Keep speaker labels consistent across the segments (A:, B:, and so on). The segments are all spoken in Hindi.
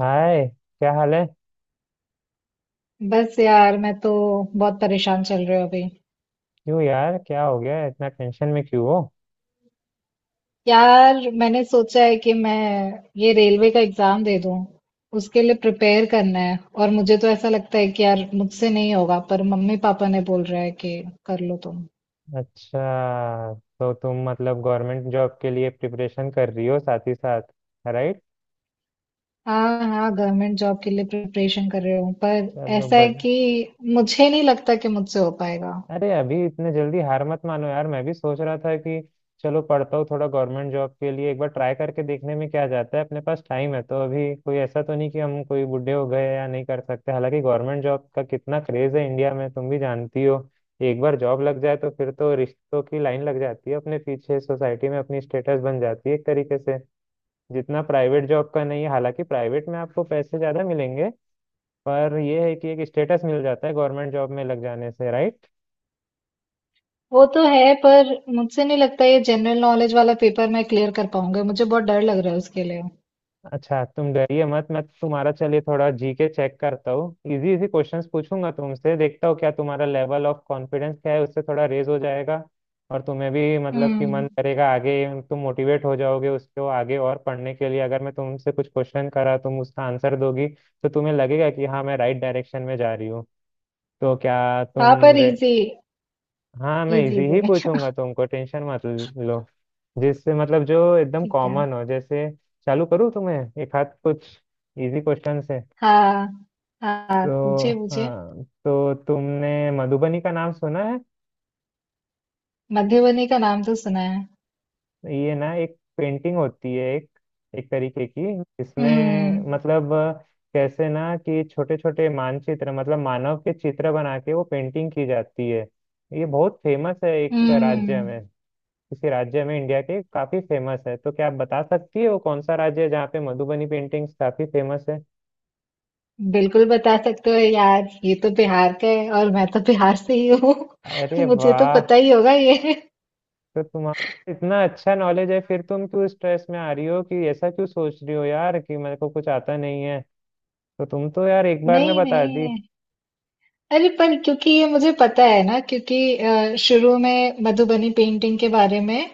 A: हाय। क्या हाल है।
B: बस यार मैं तो बहुत परेशान चल रही हूँ अभी।
A: क्यों यार क्या हो गया इतना टेंशन में क्यों हो।
B: यार मैंने सोचा है कि मैं ये रेलवे का एग्जाम दे दूँ। उसके लिए प्रिपेयर करना है और मुझे तो ऐसा लगता है कि यार मुझसे नहीं होगा, पर मम्मी पापा ने बोल रहा है कि कर लो तुम।
A: अच्छा, तो तुम मतलब गवर्नमेंट जॉब के लिए प्रिपरेशन कर रही हो साथ ही साथ। राइट।
B: हाँ हाँ, गवर्नमेंट जॉब के लिए प्रिपरेशन कर रही हूँ, पर
A: चलो
B: ऐसा है
A: बट।
B: कि मुझे नहीं लगता कि मुझसे हो पाएगा।
A: अरे, अभी इतने जल्दी हार मत मानो यार। मैं भी सोच रहा था कि चलो पढ़ता हूँ थोड़ा गवर्नमेंट जॉब के लिए। एक बार ट्राई करके देखने में क्या जाता है। अपने पास टाइम है तो अभी कोई ऐसा तो नहीं कि हम कोई बूढ़े हो गए या नहीं कर सकते। हालांकि गवर्नमेंट जॉब का कितना क्रेज है इंडिया में, तुम भी जानती हो। एक बार जॉब लग जाए तो फिर तो रिश्तों की लाइन लग जाती है अपने पीछे। सोसाइटी में अपनी स्टेटस बन जाती है एक तरीके से। जितना प्राइवेट जॉब का नहीं है। हालांकि प्राइवेट में आपको पैसे ज्यादा मिलेंगे। पर यह है कि एक स्टेटस मिल जाता है गवर्नमेंट जॉब में लग जाने से। राइट।
B: वो तो है, पर मुझसे नहीं लगता ये जनरल नॉलेज वाला पेपर मैं क्लियर कर पाऊंगा, मुझे बहुत डर लग रहा है उसके लिए।
A: अच्छा, तुम डरिए मत। मैं तुम्हारा चलिए थोड़ा जीके चेक करता हूँ। इजी इजी क्वेश्चंस पूछूंगा तुमसे, देखता हूँ क्या तुम्हारा लेवल ऑफ कॉन्फिडेंस क्या है। उससे थोड़ा रेज हो जाएगा। और तुम्हें भी मतलब कि मन
B: हम्म।
A: करेगा आगे, तुम मोटिवेट हो जाओगे उसको आगे और पढ़ने के लिए। अगर मैं तुमसे कुछ क्वेश्चन करा तुम उसका आंसर दोगी, तो तुम्हें लगेगा कि हाँ, मैं राइट डायरेक्शन में जा रही हूँ। तो क्या
B: हाँ,
A: तुम।
B: पर इजी।
A: हाँ, मैं
B: इजी
A: इजी ही
B: वे
A: पूछूंगा तुमको। टेंशन मत लो। जिससे मतलब जो एकदम
B: ठीक है।
A: कॉमन हो जैसे। चालू करूँ तुम्हें एक हाथ कुछ इजी क्वेश्चन से।
B: हाँ हाँ,
A: तो
B: पूछे पूछे।
A: हाँ, तो तुमने मधुबनी का नाम सुना है।
B: मधुबनी का नाम तो सुना है।
A: ये ना एक पेंटिंग होती है, एक एक तरीके की। इसमें
B: हम्म।
A: मतलब कैसे ना कि छोटे छोटे मानचित्र मतलब मानव के चित्र बना के वो पेंटिंग की जाती है। ये बहुत फेमस है एक राज्य
B: हम्म।
A: में। किसी राज्य में इंडिया के काफी फेमस है। तो क्या आप बता सकती हो कौन सा राज्य है जहाँ पे मधुबनी पेंटिंग्स काफी फेमस है?
B: बिल्कुल बता सकते हो यार, ये तो बिहार का है और मैं तो बिहार से ही हूँ।
A: अरे
B: मुझे तो
A: वाह।
B: पता ही होगा ये।
A: तो तुम्हारा इतना अच्छा नॉलेज है फिर तुम क्यों स्ट्रेस में आ रही हो? कि ऐसा क्यों सोच रही हो यार कि मेरे को कुछ आता नहीं है। तो तुम तो यार एक बार में
B: नहीं
A: बता दी।
B: नहीं। अरे, पर क्योंकि ये मुझे पता है ना, क्योंकि शुरू में मधुबनी पेंटिंग के बारे में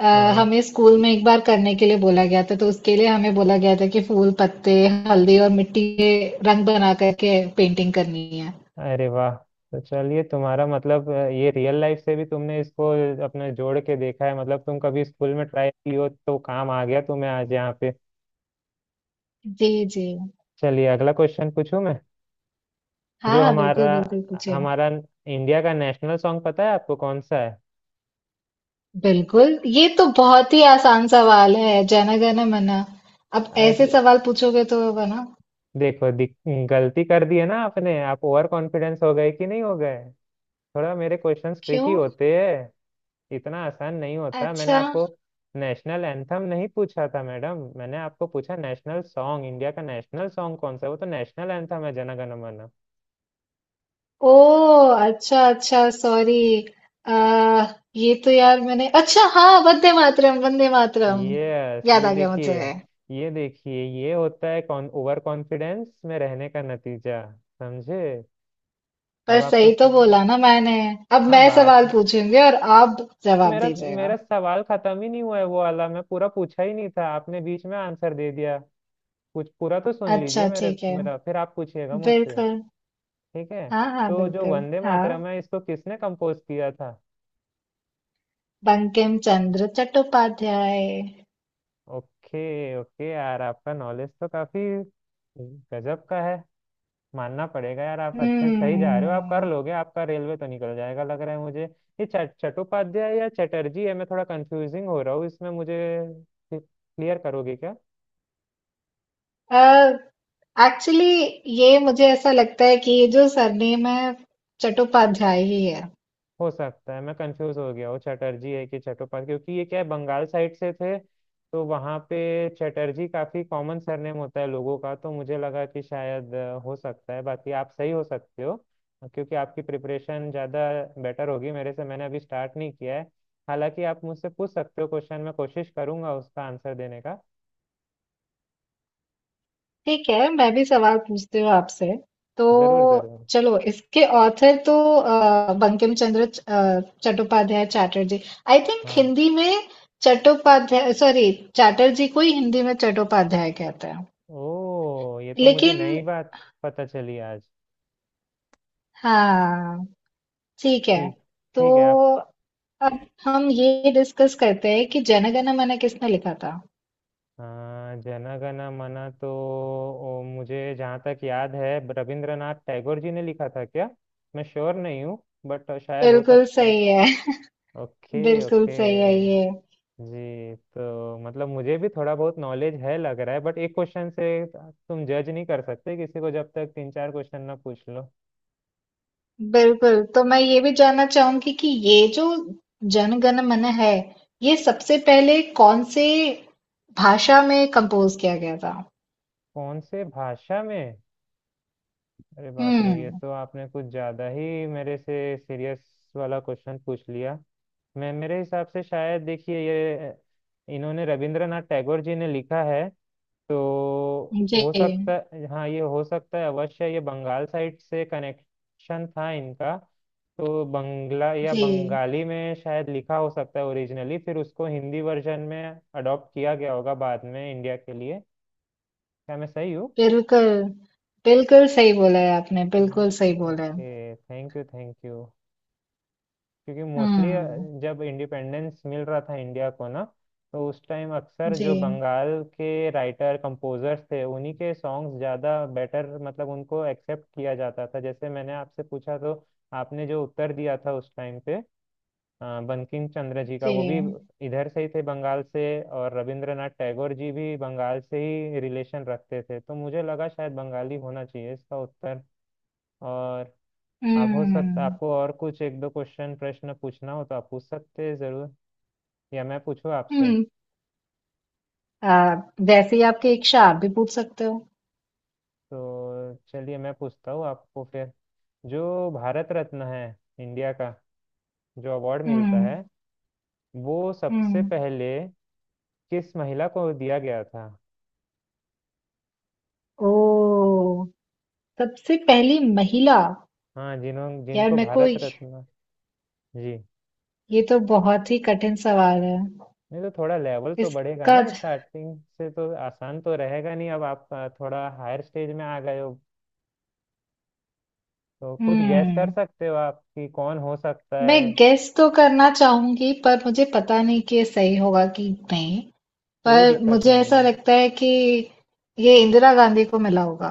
B: अ,
A: हाँ।
B: हमें स्कूल में एक बार करने के लिए बोला गया था। तो उसके लिए हमें बोला गया था कि फूल पत्ते, हल्दी और मिट्टी के रंग बना करके पेंटिंग करनी है।
A: अरे वाह। तो चलिए तुम्हारा मतलब ये रियल लाइफ से भी तुमने इसको अपने जोड़ के देखा है। मतलब तुम कभी स्कूल में ट्राई की हो तो काम आ गया तुम्हें आज यहाँ पे।
B: जी जी।
A: चलिए अगला क्वेश्चन पूछूं मैं।
B: हाँ
A: जो
B: हाँ,
A: हमारा
B: बिल्कुल बिल्कुल पूछे।
A: हमारा इंडिया का नेशनल सॉन्ग पता है आपको कौन सा है?
B: बिल्कुल, ये तो बहुत ही आसान सवाल है, जन गण मन। अब ऐसे
A: अरे
B: सवाल पूछोगे तो है ना।
A: देखो, गलती कर दी है ना आपने। आप ओवर कॉन्फिडेंस हो गए कि नहीं हो गए। थोड़ा मेरे क्वेश्चंस
B: क्यों?
A: ट्रिकी होते हैं। इतना आसान नहीं होता। मैंने
B: अच्छा।
A: आपको नेशनल एंथम नहीं पूछा था मैडम। मैंने आपको पूछा नेशनल सॉन्ग। इंडिया का नेशनल सॉन्ग कौन सा है? वो तो नेशनल एंथम है जन गण मन।
B: ओह अच्छा अच्छा, सॉरी। आ ये तो यार मैंने, अच्छा हाँ, वंदे मातरम वंदे मातरम,
A: यस,
B: याद
A: ये
B: आ गया
A: देखिए।
B: मुझे।
A: ये देखिए ये होता है कौन, ओवर कॉन्फिडेंस में रहने का नतीजा। समझे। अब
B: पर
A: आपको
B: सही तो बोला ना मैंने। अब
A: हाँ
B: मैं
A: बात।
B: सवाल पूछूंगी और आप
A: तो
B: जवाब
A: मेरा
B: दीजिएगा।
A: मेरा सवाल खत्म ही नहीं हुआ है। वो वाला मैं पूरा पूछा ही नहीं था, आपने बीच में आंसर दे दिया। कुछ पूरा तो सुन लीजिए
B: अच्छा
A: मेरे
B: ठीक है,
A: मेरा, फिर आप पूछिएगा मुझसे।
B: बिल्कुल।
A: ठीक है।
B: हाँ हाँ,
A: तो जो
B: बिल्कुल।
A: वंदे
B: हाँ,
A: मातरम है इसको किसने कंपोज किया था?
B: बंकिम चंद्र चट्टोपाध्याय।
A: ओके, ओके यार, आपका नॉलेज तो काफी गजब का है। मानना पड़ेगा यार, आप अच्छे सही जा रहे हो। आप कर
B: हम्म।
A: लोगे, आपका रेलवे तो निकल जाएगा लग रहा है मुझे। ये चट चट्टोपाध्याय या चटर्जी है? मैं थोड़ा कंफ्यूजिंग हो रहा हूँ इसमें मुझे। क्लियर करोगे क्या?
B: एक्चुअली, ये मुझे ऐसा लगता है कि ये जो सरनेम है, चट्टोपाध्याय ही है।
A: हो सकता है मैं कंफ्यूज हो गया हूँ, चटर्जी है कि चट्टोपाध्याय। क्योंकि ये क्या है, बंगाल साइड से थे। तो वहाँ पे चटर्जी काफी कॉमन सरनेम होता है लोगों का। तो मुझे लगा कि शायद, हो सकता है। बाकी आप सही हो सकते हो। क्योंकि आपकी प्रिपरेशन ज़्यादा बेटर होगी मेरे से, मैंने अभी स्टार्ट नहीं किया है। हालांकि आप मुझसे पूछ सकते हो क्वेश्चन, मैं कोशिश करूंगा उसका आंसर देने का।
B: ठीक है, मैं भी सवाल पूछती हूँ आपसे तो।
A: ज़रूर ज़रूर।
B: चलो, इसके ऑथर तो बंकिम चंद्र चट्टोपाध्याय, चैटर्जी। आई थिंक
A: हाँ।
B: हिंदी में चट्टोपाध्याय, सॉरी चैटर्जी को ही हिंदी में चट्टोपाध्याय कहते हैं।
A: ओ, ये तो मुझे
B: लेकिन
A: नई बात पता चली आज।
B: हाँ, ठीक है।
A: ठीक।
B: तो
A: ठीक है आप।
B: अब हम ये डिस्कस करते हैं कि जनगण मन किसने लिखा था।
A: हाँ, जन गण मन तो। ओ, मुझे जहाँ तक याद है रविंद्रनाथ टैगोर जी ने लिखा था क्या? मैं श्योर नहीं हूँ बट शायद हो
B: बिल्कुल
A: सकता है।
B: सही है
A: ओके,
B: बिल्कुल
A: ओके।
B: सही है ये।
A: जी, तो मतलब मुझे भी थोड़ा बहुत नॉलेज है लग रहा है। बट एक क्वेश्चन से तुम जज नहीं कर सकते किसी को, जब तक तीन चार क्वेश्चन ना पूछ लो।
B: बिल्कुल, तो मैं ये भी जानना चाहूंगी कि ये जो जन गण मन है, ये सबसे पहले कौन से भाषा में कंपोज किया गया था।
A: कौन से भाषा में? अरे बाप रे, ये
B: हम्म।
A: तो आपने कुछ ज्यादा ही मेरे से सीरियस वाला क्वेश्चन पूछ लिया। मैं मेरे हिसाब से शायद देखिए, ये इन्होंने रविंद्रनाथ टैगोर जी ने लिखा है। तो
B: जी
A: हो सकता, हाँ ये हो सकता है अवश्य। ये बंगाल साइड से कनेक्शन था इनका। तो बंगला या
B: जी,
A: बंगाली में शायद लिखा हो सकता है ओरिजिनली, फिर उसको हिंदी वर्जन में अडॉप्ट किया गया होगा बाद में इंडिया के लिए। क्या मैं सही हूँ?
B: बिल्कुल बिल्कुल सही बोला है आपने,
A: जी।
B: बिल्कुल सही बोला है।
A: Okay, thank you, thank you. क्योंकि मोस्टली
B: हम्म।
A: जब इंडिपेंडेंस मिल रहा था इंडिया को ना, तो उस टाइम अक्सर
B: जी
A: जो बंगाल के राइटर कंपोजर्स थे उन्हीं के सॉन्ग्स ज़्यादा बेटर, मतलब उनको एक्सेप्ट किया जाता था। जैसे मैंने आपसे पूछा तो आपने जो उत्तर दिया था उस टाइम पे, बंकिम चंद्र जी का, वो भी
B: जी।
A: इधर से ही थे बंगाल से। और रविंद्रनाथ टैगोर जी भी बंगाल से ही रिलेशन रखते थे, तो मुझे लगा शायद बंगाली होना चाहिए इसका उत्तर। और आप हो सकता
B: हम्म।
A: आपको और कुछ एक दो क्वेश्चन प्रश्न पूछना हो तो आप पूछ सकते हैं ज़रूर। या मैं पूछूँ आपसे?
B: हम्म। आ, वैसे ही आपकी इच्छा, आप भी पूछ सकते हो।
A: तो चलिए मैं पूछता हूँ आपको फिर। जो भारत रत्न है इंडिया का, जो अवार्ड मिलता
B: हम्म।
A: है, वो सबसे
B: हम्म।
A: पहले किस महिला को दिया गया था?
B: ओ, सबसे पहली महिला।
A: हाँ, जिन्हों
B: यार
A: जिनको
B: मेरे को
A: भारत रत्न। जी
B: ये तो बहुत ही कठिन सवाल है।
A: नहीं, तो थोड़ा लेवल तो बढ़ेगा
B: इसका।
A: ना। स्टार्टिंग से तो आसान तो रहेगा नहीं। अब आप थोड़ा हायर स्टेज में आ गए हो। तो कुछ गैस कर
B: हम्म।
A: सकते हो आप कि कौन हो सकता
B: मैं
A: है।
B: गेस तो करना चाहूंगी पर मुझे पता नहीं कि ये सही होगा कि नहीं।
A: कोई
B: पर
A: दिक्कत
B: मुझे
A: नहीं
B: ऐसा
A: है।
B: लगता है कि ये इंदिरा गांधी को मिला होगा।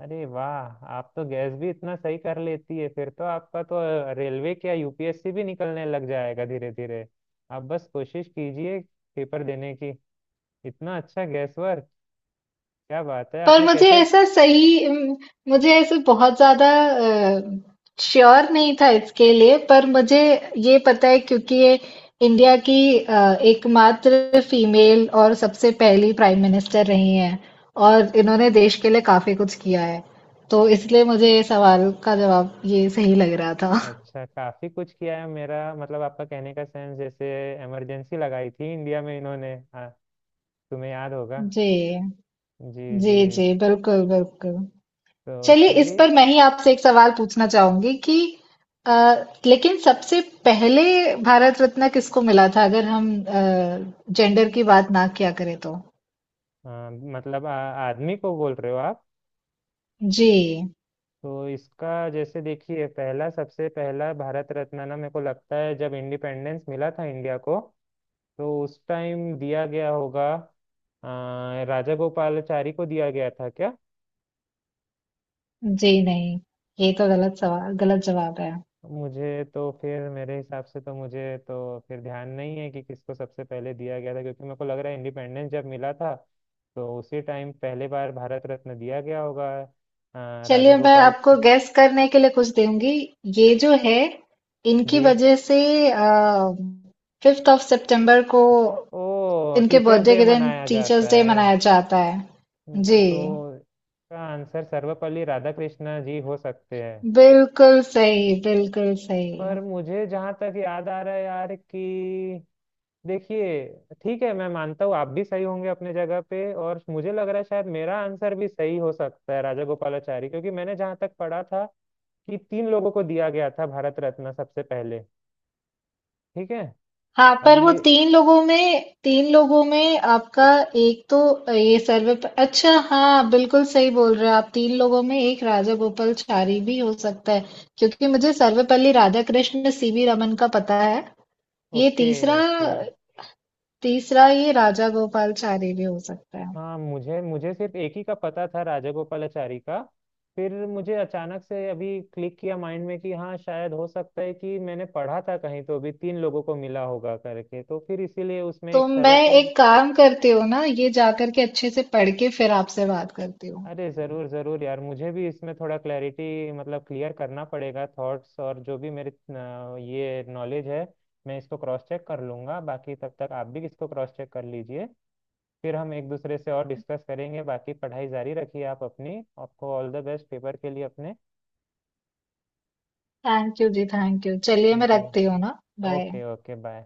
A: अरे वाह, आप तो गैस भी इतना सही कर लेती है। फिर तो आपका तो रेलवे क्या, यूपीएससी भी निकलने लग जाएगा धीरे धीरे। आप बस कोशिश कीजिए पेपर देने की। इतना अच्छा गैस वर्क, क्या बात है
B: पर
A: आपने
B: मुझे
A: कैसे।
B: ऐसा सही मुझे ऐसे बहुत ज़्यादा श्योर नहीं था इसके लिए। पर मुझे ये पता है क्योंकि ये इंडिया की एकमात्र फीमेल और सबसे पहली प्राइम मिनिस्टर रही हैं और इन्होंने देश के लिए काफ़ी कुछ किया है। तो इसलिए मुझे ये सवाल का जवाब ये सही लग रहा था
A: अच्छा, काफी कुछ किया है, मेरा मतलब आपका कहने का सेंस जैसे इमरजेंसी लगाई थी इंडिया में इन्होंने, हाँ। तुम्हें याद होगा।
B: जी।
A: जी,
B: जी
A: जी।
B: जी, बिल्कुल बिल्कुल।
A: तो
B: चलिए, इस
A: चलिए।
B: पर मैं ही आपसे एक सवाल पूछना चाहूंगी कि अ, लेकिन सबसे पहले भारत रत्न किसको मिला था, अगर हम जेंडर की बात ना किया करें तो।
A: हाँ, मतलब आदमी को बोल रहे हो आप।
B: जी
A: तो इसका जैसे देखिए, पहला सबसे पहला भारत रत्न ना, मेरे को लगता है जब इंडिपेंडेंस मिला था इंडिया को, तो उस टाइम दिया गया होगा, राजा गोपालाचारी को दिया गया था क्या?
B: जी नहीं, ये तो गलत सवाल गलत जवाब है।
A: मुझे तो फिर मेरे हिसाब से तो मुझे तो फिर ध्यान नहीं है कि किसको सबसे पहले दिया गया था। क्योंकि मेरे को लग रहा है इंडिपेंडेंस जब मिला था, तो उसी टाइम पहले बार भारत रत्न दिया गया होगा राजा
B: चलिए, मैं
A: गोपाल।
B: आपको गैस करने के लिए कुछ दूंगी। ये जो है, इनकी
A: जी।
B: वजह से 5 ऑफ सितंबर को,
A: ओ।
B: इनके
A: टीचर्स
B: बर्थडे
A: डे
B: के दिन,
A: मनाया जाता
B: टीचर्स डे
A: है।
B: मनाया जाता है। जी,
A: तो इसका आंसर सर्वपल्ली राधाकृष्ण जी हो सकते हैं।
B: बिल्कुल सही, बिल्कुल सही।
A: पर मुझे जहां तक याद आ रहा है यार कि देखिए, ठीक है मैं मानता हूँ आप भी सही होंगे अपने जगह पे। और मुझे लग रहा है शायद मेरा आंसर भी सही हो सकता है, राजा गोपालाचारी। क्योंकि मैंने जहां तक पढ़ा था कि तीन लोगों को दिया गया था भारत रत्न सबसे पहले। ठीक है।
B: हाँ,
A: अब
B: पर वो
A: ये।
B: 3 लोगों में आपका एक तो ये सर्वे प अच्छा हाँ, बिल्कुल सही बोल रहे हो आप। 3 लोगों में एक राजा गोपालाचारी भी हो सकता है, क्योंकि मुझे सर्वपल्ली राधाकृष्ण, सीवी रमन का पता है। ये
A: ओके,
B: तीसरा
A: ओके।
B: तीसरा ये राजा गोपालाचारी भी हो सकता है।
A: हाँ, मुझे मुझे सिर्फ एक ही का पता था राजा गोपालाचारी का। फिर मुझे अचानक से अभी क्लिक किया माइंड में कि हाँ, शायद हो सकता है कि मैंने पढ़ा था कहीं तो अभी तीन लोगों को मिला होगा करके। तो फिर इसीलिए उसमें
B: तो
A: एक
B: मैं
A: सर्वपल्ली।
B: एक काम करती हूँ ना, ये जा करके अच्छे से पढ़ के फिर आपसे बात करती हूँ।
A: अरे जरूर जरूर यार, मुझे भी इसमें थोड़ा क्लैरिटी, मतलब क्लियर करना पड़ेगा थॉट्स। और जो भी मेरे ये नॉलेज है, मैं इसको क्रॉस चेक कर लूंगा। बाकी तब तक आप भी इसको क्रॉस चेक कर लीजिए। फिर हम एक दूसरे से और डिस्कस करेंगे। बाकी पढ़ाई जारी रखिए आप अपनी, आपको ऑल द बेस्ट पेपर के लिए अपने।
B: थैंक यू जी, थैंक यू। चलिए मैं
A: जी,
B: रखती हूँ ना, बाय।
A: Okay, okay, bye.